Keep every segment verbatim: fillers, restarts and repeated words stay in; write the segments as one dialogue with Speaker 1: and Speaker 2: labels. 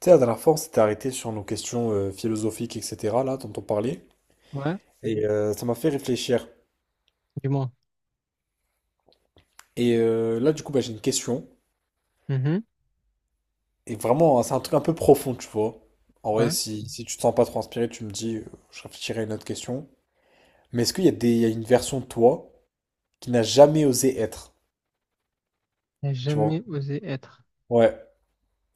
Speaker 1: Tu sais, la dernière fois, on s'était arrêté sur nos questions euh, philosophiques, et cetera, là, dont on parlait,
Speaker 2: Ouais,
Speaker 1: et euh, ça m'a fait réfléchir.
Speaker 2: du moins.
Speaker 1: Et euh, là, du coup, bah, j'ai une question,
Speaker 2: Mhm,
Speaker 1: et vraiment, c'est un truc un peu profond, tu vois. En vrai,
Speaker 2: ouais.
Speaker 1: si, si tu te sens pas trop inspiré, tu me dis, euh, je réfléchirai à une autre question. Mais est-ce qu'il y a des, il y a une version de toi qui n'a jamais osé être,
Speaker 2: N'a
Speaker 1: tu vois?
Speaker 2: jamais osé être.
Speaker 1: Ouais,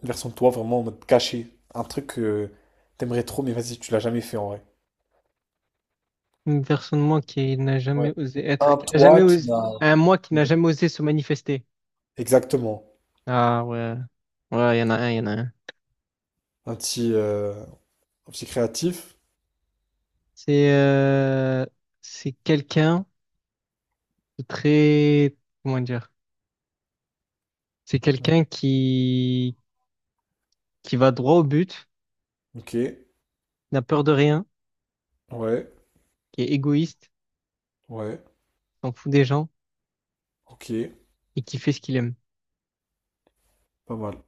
Speaker 1: une version de toi vraiment en mode caché, un truc que t'aimerais trop, mais vas-y, tu l'as jamais fait en vrai.
Speaker 2: Une personne, moi, qui n'a
Speaker 1: Ouais.
Speaker 2: jamais osé être.
Speaker 1: Un
Speaker 2: Qui n'a jamais
Speaker 1: toi qui
Speaker 2: osé...
Speaker 1: n'a...
Speaker 2: Un moi qui n'a jamais osé se manifester.
Speaker 1: Exactement.
Speaker 2: Ah ouais. Ouais, il y en a un, il y en a un.
Speaker 1: Un petit, euh, un petit créatif.
Speaker 2: C'est euh, c'est quelqu'un de très... Comment dire? C'est
Speaker 1: Mm.
Speaker 2: quelqu'un qui... qui va droit au but,
Speaker 1: Ok,
Speaker 2: n'a peur de rien,
Speaker 1: ouais,
Speaker 2: qui est égoïste,
Speaker 1: ouais,
Speaker 2: s'en fout des gens
Speaker 1: ok,
Speaker 2: et qui fait ce qu'il aime.
Speaker 1: pas mal,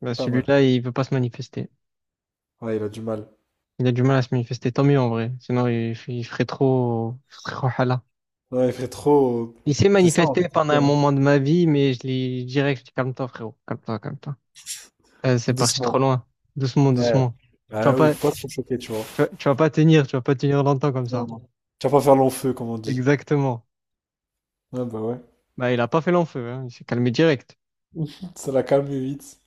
Speaker 2: Bah,
Speaker 1: pas mal.
Speaker 2: celui-là, il veut pas se manifester.
Speaker 1: Ouais, il a du mal.
Speaker 2: Il a du mal à se manifester, tant mieux en vrai. Sinon, il, f- il ferait trop, il ferait trop hala.
Speaker 1: Non, il fait trop.
Speaker 2: Il s'est
Speaker 1: C'est ça, en fait,
Speaker 2: manifesté
Speaker 1: le
Speaker 2: pendant un
Speaker 1: terme.
Speaker 2: moment de ma vie, mais je lui dirais que je dis, calme-toi, frérot. Calme-toi, calme-toi. Euh, c'est parti trop
Speaker 1: Doucement.
Speaker 2: loin. Doucement,
Speaker 1: Ouais.
Speaker 2: doucement. Tu vas
Speaker 1: Ah oui,
Speaker 2: pas,
Speaker 1: faut pas trop choquer, tu vois.
Speaker 2: tu vas, tu vas pas tenir, tu vas pas tenir longtemps comme ça.
Speaker 1: Non, non. Tu vas pas faire long feu, comme on dit.
Speaker 2: Exactement.
Speaker 1: Ouais, bah ouais.
Speaker 2: Bah, il a pas fait long feu, hein. Il s'est calmé direct.
Speaker 1: Ça l'a calmé vite.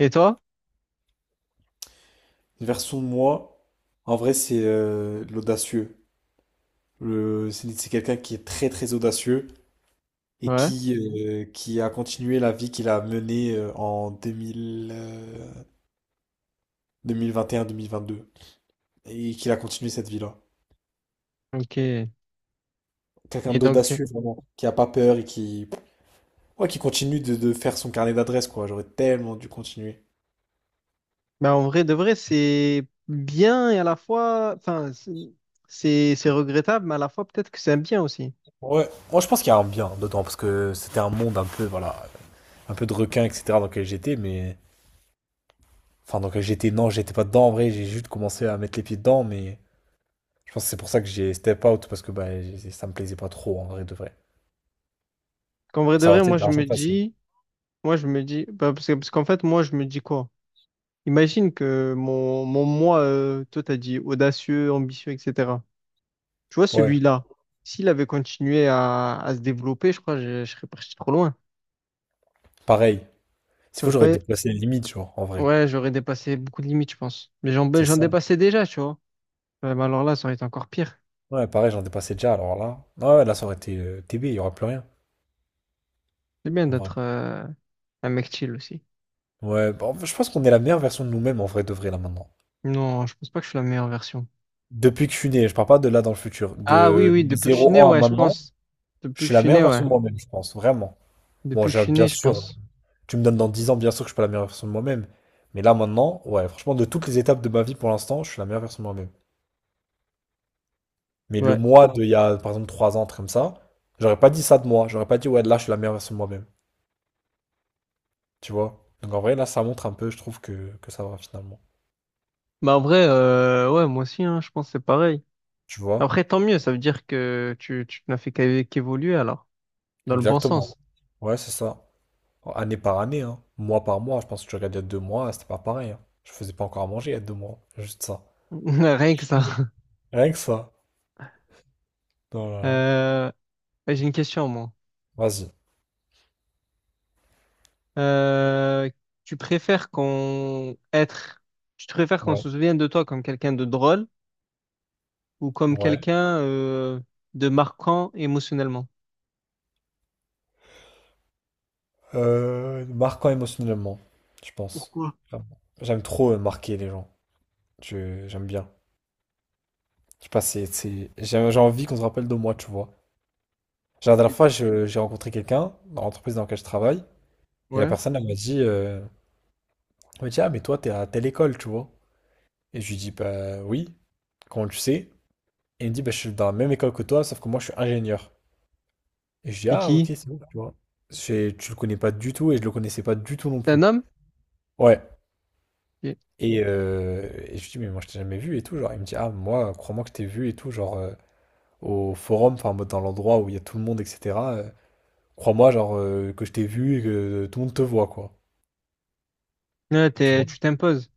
Speaker 2: Et toi?
Speaker 1: Version moi, en vrai, c'est euh, l'audacieux. Le- C'est c'est quelqu'un qui est très très audacieux et
Speaker 2: Ouais.
Speaker 1: qui, euh, qui a continué la vie qu'il a menée euh, en deux mille, euh, deux mille vingt et un-deux mille vingt-deux. Et qu'il a continué cette vie-là.
Speaker 2: Ok. Et
Speaker 1: Quelqu'un
Speaker 2: donc,
Speaker 1: d'audacieux, vraiment, qui a pas peur et qui, ouais, qui continue de, de faire son carnet d'adresses, quoi. J'aurais tellement dû continuer.
Speaker 2: bah, en vrai de vrai, c'est bien et à la fois, enfin, c'est c'est c'est regrettable, mais à la fois peut-être que c'est un bien aussi.
Speaker 1: Ouais, moi je pense qu'il y a un bien dedans, parce que c'était un monde un peu, voilà, un peu de requin, et cetera dans lequel j'étais. Mais. Enfin, dans lequel j'étais, non, j'étais pas dedans en vrai, j'ai juste commencé à mettre les pieds dedans, mais je pense que c'est pour ça que j'ai step out, parce que bah, j'ai- ça me plaisait pas trop en vrai de vrai.
Speaker 2: Qu'en vrai
Speaker 1: Mais
Speaker 2: de
Speaker 1: ça aurait
Speaker 2: vrai,
Speaker 1: été
Speaker 2: moi
Speaker 1: de
Speaker 2: je me
Speaker 1: l'argent facile.
Speaker 2: dis, moi, je me dis, bah, parce que, parce qu'en fait, moi, je me dis quoi? Imagine que mon, mon moi, euh, toi, t'as dit audacieux, ambitieux, et cetera. Tu vois,
Speaker 1: Ouais,
Speaker 2: celui-là, s'il avait continué à, à se développer, je crois que je, je serais parti trop loin.
Speaker 1: pareil. S'il faut,
Speaker 2: J'aurais
Speaker 1: j'aurais
Speaker 2: pas...
Speaker 1: déplacé les limites, genre, en vrai.
Speaker 2: Ouais, j'aurais dépassé beaucoup de limites, je pense. Mais j'en, ben,
Speaker 1: C'est
Speaker 2: j'en
Speaker 1: ça.
Speaker 2: dépassais déjà, tu vois. Ouais, mais alors là, ça aurait été encore pire.
Speaker 1: Ouais, pareil, j'en dépassais déjà, alors là. Ah ouais, là, ça aurait été euh, T B, il n'y aura plus rien,
Speaker 2: C'est bien
Speaker 1: en vrai.
Speaker 2: d'être euh, un mec chill aussi.
Speaker 1: Ouais, bah, en fait, je pense qu'on est la meilleure version de nous-mêmes, en vrai, de vrai, là, maintenant.
Speaker 2: Non, je pense pas que je suis la meilleure version.
Speaker 1: Depuis que je suis né, je parle pas de là dans le futur.
Speaker 2: Ah oui,
Speaker 1: De,
Speaker 2: oui,
Speaker 1: de mes
Speaker 2: depuis que je suis né,
Speaker 1: zéro ans à
Speaker 2: ouais, je
Speaker 1: maintenant,
Speaker 2: pense.
Speaker 1: je
Speaker 2: Depuis que
Speaker 1: suis
Speaker 2: je
Speaker 1: la
Speaker 2: suis
Speaker 1: meilleure
Speaker 2: né, ouais.
Speaker 1: version de moi-même, je pense, vraiment. Bon,
Speaker 2: Depuis que je
Speaker 1: j'ai-
Speaker 2: suis
Speaker 1: bien
Speaker 2: né, je
Speaker 1: sûr,
Speaker 2: pense.
Speaker 1: tu me donnes dans dix ans, bien sûr que je suis pas la meilleure version de moi-même. Mais là, maintenant, ouais, franchement, de toutes les étapes de ma vie pour l'instant, je suis la meilleure version de moi-même. Mais le
Speaker 2: Ouais.
Speaker 1: moi de il y a, par exemple, trois ans, un truc comme ça, j'aurais pas dit ça de moi. J'aurais pas dit, ouais, là, je suis la meilleure version de moi-même. Tu vois? Donc, en vrai, là, ça montre un peu, je trouve, que, que ça va, finalement.
Speaker 2: Bah en vrai, euh, ouais, moi aussi, hein, je pense que c'est pareil.
Speaker 1: Tu vois?
Speaker 2: Après, tant mieux, ça veut dire que tu, tu n'as fait qu'é- qu'évoluer alors, dans le bon
Speaker 1: Exactement.
Speaker 2: sens.
Speaker 1: Ouais, c'est ça. Année par année, hein. Mois par mois. Je pense que tu regardes il y a deux mois, c'était pas pareil, hein. Je faisais pas encore à manger il y a deux mois. Juste ça.
Speaker 2: Rien que ça.
Speaker 1: Rien que ça. Oh là là.
Speaker 2: Euh, ouais, j'ai une question, moi.
Speaker 1: Vas-y.
Speaker 2: Euh, tu préfères qu'on être, tu te préfères qu'on
Speaker 1: Ouais.
Speaker 2: se souvienne de toi comme quelqu'un de drôle ou comme
Speaker 1: Ouais.
Speaker 2: quelqu'un euh, de marquant émotionnellement?
Speaker 1: Euh, marquant émotionnellement, je pense.
Speaker 2: Pourquoi?
Speaker 1: Clairement. J'aime trop euh, marquer les gens. Je- J'aime bien. Je sais pas, c'est, c'est- j'ai j'ai envie qu'on se rappelle de moi, tu vois. Genre, la dernière
Speaker 2: Et-
Speaker 1: fois, je- j'ai rencontré quelqu'un dans l'entreprise dans laquelle je travaille. Et la
Speaker 2: Ouais.
Speaker 1: personne, elle m'a dit, euh, elle m'a dit, ah, mais toi, t'es à telle école, tu vois. Et je lui dis, bah oui. Quand on le sait, et il me dit, bah, je suis dans la même école que toi, sauf que moi, je suis ingénieur. Et je dis,
Speaker 2: C'est
Speaker 1: ah, ok,
Speaker 2: qui?
Speaker 1: c'est bon, tu vois. C'est- Tu le connais pas du tout et je le connaissais pas du tout non
Speaker 2: C'est un
Speaker 1: plus.
Speaker 2: homme?
Speaker 1: Ouais.
Speaker 2: Ok.
Speaker 1: Et, euh, et je lui dis, mais moi, je t'ai jamais vu et tout. Genre, il me dit, ah, moi, crois-moi que je t'ai vu et tout, genre, euh, au forum, enfin, en mode dans l'endroit où il y a tout le monde, et cetera euh, crois-moi, genre, euh, que je t'ai vu et que euh, tout le monde te voit, quoi.
Speaker 2: Ouais,
Speaker 1: Tu
Speaker 2: t'es-
Speaker 1: vois.
Speaker 2: tu t'imposes.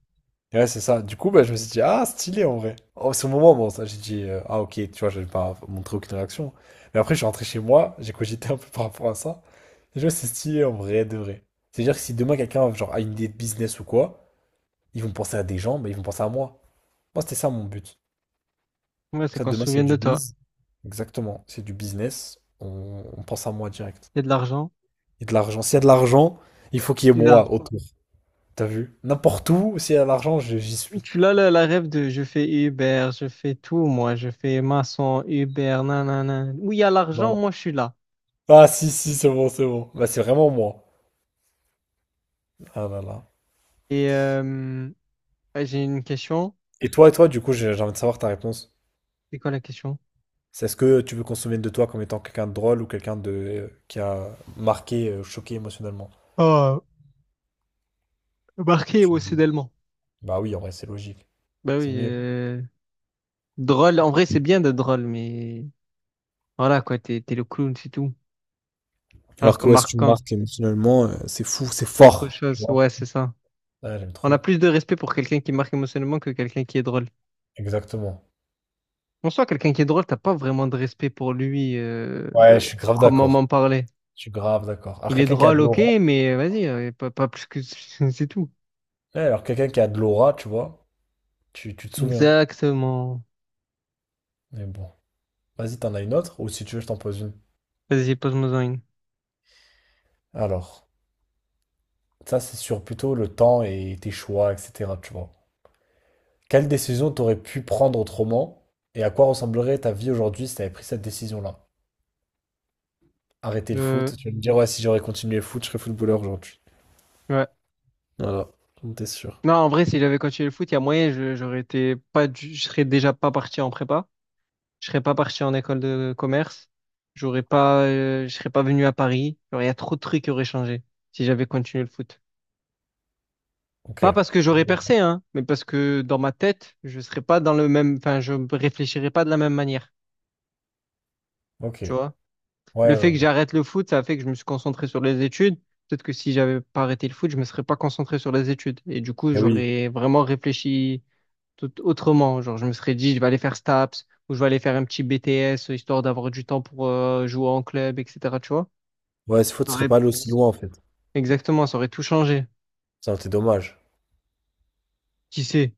Speaker 1: Ouais, c'est ça. Du coup, bah, je me suis dit, ah, stylé en vrai. Oh, c'est au moment, bon, ça, j'ai dit, euh, ah, ok, tu vois, j'avais pas montré aucune réaction. Mais après, je suis rentré chez moi, j'ai cogité un peu par rapport à ça. Et je me suis dit, c'est stylé en vrai, de vrai. C'est-à-dire que si demain quelqu'un genre, a une idée de business ou quoi, ils vont penser à des gens, mais ils vont penser à moi. Moi, c'était ça mon but.
Speaker 2: Ouais, c'est
Speaker 1: Que ça,
Speaker 2: qu'on se
Speaker 1: demain, s'il y
Speaker 2: souvienne
Speaker 1: a
Speaker 2: de
Speaker 1: du
Speaker 2: toi.
Speaker 1: biz, exactement, c'est du business, on, on pense à moi direct.
Speaker 2: Il y a de l'argent.
Speaker 1: Et de l'argent. S'il y a de l'argent, il faut qu'il y ait
Speaker 2: Tu es là.
Speaker 1: moi autour. T'as vu? N'importe où, s'il y a de l'argent, je- j'y suis.
Speaker 2: Tu l'as la, la rêve de je fais Uber, je fais tout, moi, je fais maçon, Uber, nanana. Où il y a l'argent, moi je suis là.
Speaker 1: Ah si, si, c'est bon, c'est bon. Bah, c'est vraiment moi. Ah là là.
Speaker 2: Et euh, ouais, j'ai une question.
Speaker 1: Et toi, et toi, du coup, j'ai j'ai envie de savoir ta réponse.
Speaker 2: C'est quoi la question?
Speaker 1: C'est Est-ce que tu veux qu'on se souvienne de toi comme étant quelqu'un de drôle ou quelqu'un de euh, qui a marqué, euh, choqué émotionnellement?
Speaker 2: Oh, marqué
Speaker 1: Tu
Speaker 2: émotionnellement.
Speaker 1: Bah oui, en vrai, c'est logique.
Speaker 2: Bah
Speaker 1: C'est
Speaker 2: oui,
Speaker 1: mieux.
Speaker 2: euh, drôle. En vrai, c'est bien de drôle, mais voilà quoi, t'es t'es le clown, c'est tout. Alors
Speaker 1: Alors
Speaker 2: que
Speaker 1: que ouais, si tu me
Speaker 2: marquant,
Speaker 1: marques émotionnellement, euh, c'est fou, c'est
Speaker 2: c'est autre
Speaker 1: fort. Tu
Speaker 2: chose.
Speaker 1: vois?
Speaker 2: Ouais, c'est ça.
Speaker 1: Ah, j'aime
Speaker 2: On a
Speaker 1: trop.
Speaker 2: plus de respect pour quelqu'un qui marque émotionnellement que quelqu'un qui est drôle.
Speaker 1: Exactement.
Speaker 2: En soi, quelqu'un qui est drôle, t'as pas vraiment de respect pour lui, euh,
Speaker 1: Ouais, je suis grave d'accord.
Speaker 2: proprement parlé.
Speaker 1: Je suis grave d'accord. Alors
Speaker 2: Il est
Speaker 1: quelqu'un qui a
Speaker 2: drôle,
Speaker 1: de
Speaker 2: ok,
Speaker 1: l'aura.
Speaker 2: mais vas-y, euh, pas, pas plus que c'est tout.
Speaker 1: Ouais, alors quelqu'un qui a de l'aura, tu vois, tu, tu te souviens.
Speaker 2: Exactement.
Speaker 1: Mais bon. Vas-y, t'en as une autre, ou si tu veux, je t'en pose une.
Speaker 2: Vas-y, pose-moi une.
Speaker 1: Alors. Ça, c'est sur plutôt le temps et tes choix, et cetera. Tu vois. Quelle décision t'aurais pu prendre autrement et à quoi ressemblerait ta vie aujourd'hui si t'avais pris cette décision-là? Arrêter le
Speaker 2: Euh,
Speaker 1: foot, tu vas me dire, ouais, si j'aurais continué le foot, je serais footballeur aujourd'hui.
Speaker 2: ouais.
Speaker 1: Voilà, on était sûr.
Speaker 2: Non, en vrai, si j'avais continué le foot, il y a moyen, je, j'aurais été pas, du- je serais déjà pas parti en prépa. Je serais pas parti en école de commerce. J'aurais pas, euh, je serais pas venu à Paris. Genre, il y a trop de trucs qui auraient changé si j'avais continué le foot.
Speaker 1: Ok,
Speaker 2: Pas parce que j'aurais percé, hein, mais parce que dans ma tête, je serais pas dans le même, enfin, je réfléchirais pas de la même manière.
Speaker 1: ok.
Speaker 2: Tu vois?
Speaker 1: Ouais,
Speaker 2: Le
Speaker 1: ouais,
Speaker 2: fait que
Speaker 1: ouais.
Speaker 2: j'arrête le foot, ça a fait que je me suis concentré sur les études. Peut-être que si j'avais pas arrêté le foot, je me serais pas concentré sur les études. Et du coup,
Speaker 1: Eh oui.
Speaker 2: j'aurais vraiment réfléchi tout autrement. Genre, je me serais dit, je vais aller faire STAPS ou je vais aller faire un petit B T S histoire d'avoir du temps pour euh, jouer en club, et cetera. Tu vois?
Speaker 1: Ouais, ce foot serait
Speaker 2: J'aurais-
Speaker 1: pas allé aussi loin en fait.
Speaker 2: Exactement, ça aurait tout changé.
Speaker 1: Ça aurait été dommage.
Speaker 2: Qui sait?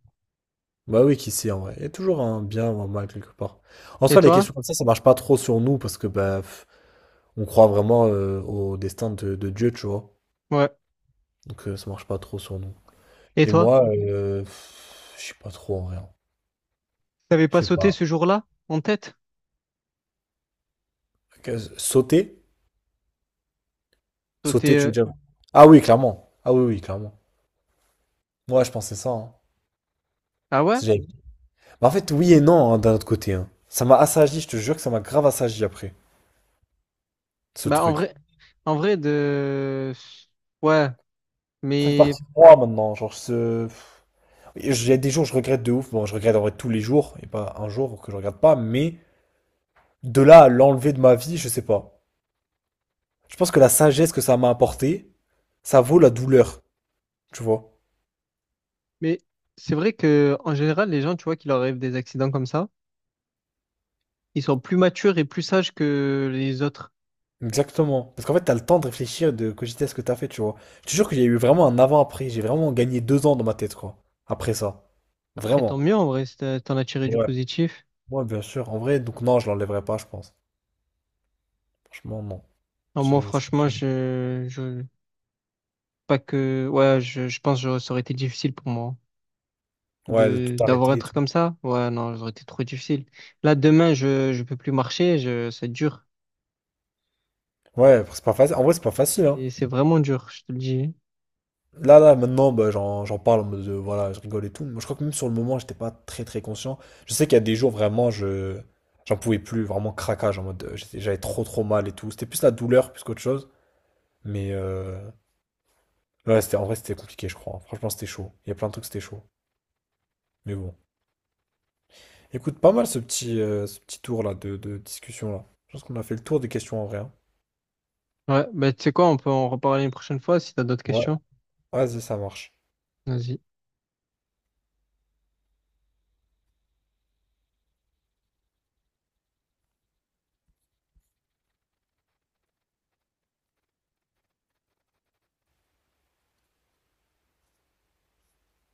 Speaker 1: Bah oui, qui sait en vrai. Il y a toujours un bien ou un mal quelque part. En
Speaker 2: Et
Speaker 1: soi, les
Speaker 2: toi?
Speaker 1: questions comme ça, ça marche pas trop sur nous parce que bah pff, on croit vraiment euh, au destin de, de Dieu, tu vois.
Speaker 2: Ouais.
Speaker 1: Donc euh, ça marche pas trop sur nous.
Speaker 2: Et
Speaker 1: Et
Speaker 2: toi?
Speaker 1: moi, euh, pff, je sais pas trop en vrai, hein.
Speaker 2: T'avais
Speaker 1: Je
Speaker 2: pas
Speaker 1: sais
Speaker 2: sauté
Speaker 1: pas.
Speaker 2: ce jour-là en tête?
Speaker 1: Que- Sauter?
Speaker 2: Sauté.
Speaker 1: Sauter, tu veux
Speaker 2: euh,
Speaker 1: dire? Ah oui, clairement. Ah oui, oui, clairement. Moi, je pensais ça, hein.
Speaker 2: Ah ouais?
Speaker 1: Si j'avais- Mais en fait, oui et non, hein, d'un autre côté, hein. Ça m'a assagi, je te jure que ça m'a grave assagi après, ce
Speaker 2: Bah en
Speaker 1: truc.
Speaker 2: vrai, en vrai de. Ouais,
Speaker 1: Ça fait
Speaker 2: mais
Speaker 1: partie de moi maintenant. Genre, ce... Et j- Il y a des jours, je regrette de ouf. Bon, je regrette en vrai tous les jours, et pas un jour que je regrette pas, mais de là à l'enlever de ma vie, je sais pas. Je pense que la sagesse que ça m'a apporté, ça vaut la douleur, tu vois.
Speaker 2: Mais c'est vrai que en général, les gens, tu vois, qui leur arrivent des accidents comme ça, ils sont plus matures et plus sages que les autres.
Speaker 1: Exactement. Parce qu'en fait, t'as le temps de réfléchir, de cogiter à ce que t'as fait, tu vois. Je te jure qu'il y a eu vraiment un avant-après. J'ai vraiment gagné deux ans dans ma tête, quoi. Après ça.
Speaker 2: Après, tant
Speaker 1: Vraiment.
Speaker 2: mieux, en vrai, si t'as- t'en as tiré du
Speaker 1: Ouais.
Speaker 2: positif.
Speaker 1: Ouais, bien sûr. En vrai, donc non, je l'enlèverai pas, je pense. Franchement, non.
Speaker 2: Non, moi,
Speaker 1: C'est... c'est pas
Speaker 2: franchement,
Speaker 1: sûr.
Speaker 2: je, je, pas que, ouais, je, je pense que ça aurait été difficile pour moi hein,
Speaker 1: Ouais, de tout
Speaker 2: de, d'avoir
Speaker 1: arrêter
Speaker 2: un
Speaker 1: et
Speaker 2: truc
Speaker 1: tout.
Speaker 2: comme ça. Ouais, non, ça aurait été trop difficile. Là, demain, je, je peux plus marcher, je, c'est dur.
Speaker 1: Ouais, c'est pas facile. En vrai, c'est pas facile, hein.
Speaker 2: Et c'est vraiment dur, je te le dis.
Speaker 1: Là, là, maintenant, bah, j'en, j'en parle en mode, de, voilà, je rigole et tout. Moi, je crois que même sur le moment, j'étais pas très, très conscient. Je sais qu'il y a des jours, vraiment, je... J'en pouvais plus, vraiment craquage, en mode, euh, j'étais- j'avais trop, trop mal et tout. C'était plus la douleur, plus qu'autre chose. Mais euh, Ouais, c'était, en vrai, c'était compliqué, je crois. Franchement, c'était chaud. Il y a plein de trucs, c'était chaud. Mais bon. Écoute, pas mal ce petit, euh, ce petit tour là de, de discussion là. Je pense qu'on a fait le tour des questions en vrai, hein.
Speaker 2: Ouais, bah, tu sais quoi, on peut en reparler une prochaine fois si t'as d'autres
Speaker 1: Ouais.
Speaker 2: questions.
Speaker 1: Vas-y, ça marche.
Speaker 2: Vas-y.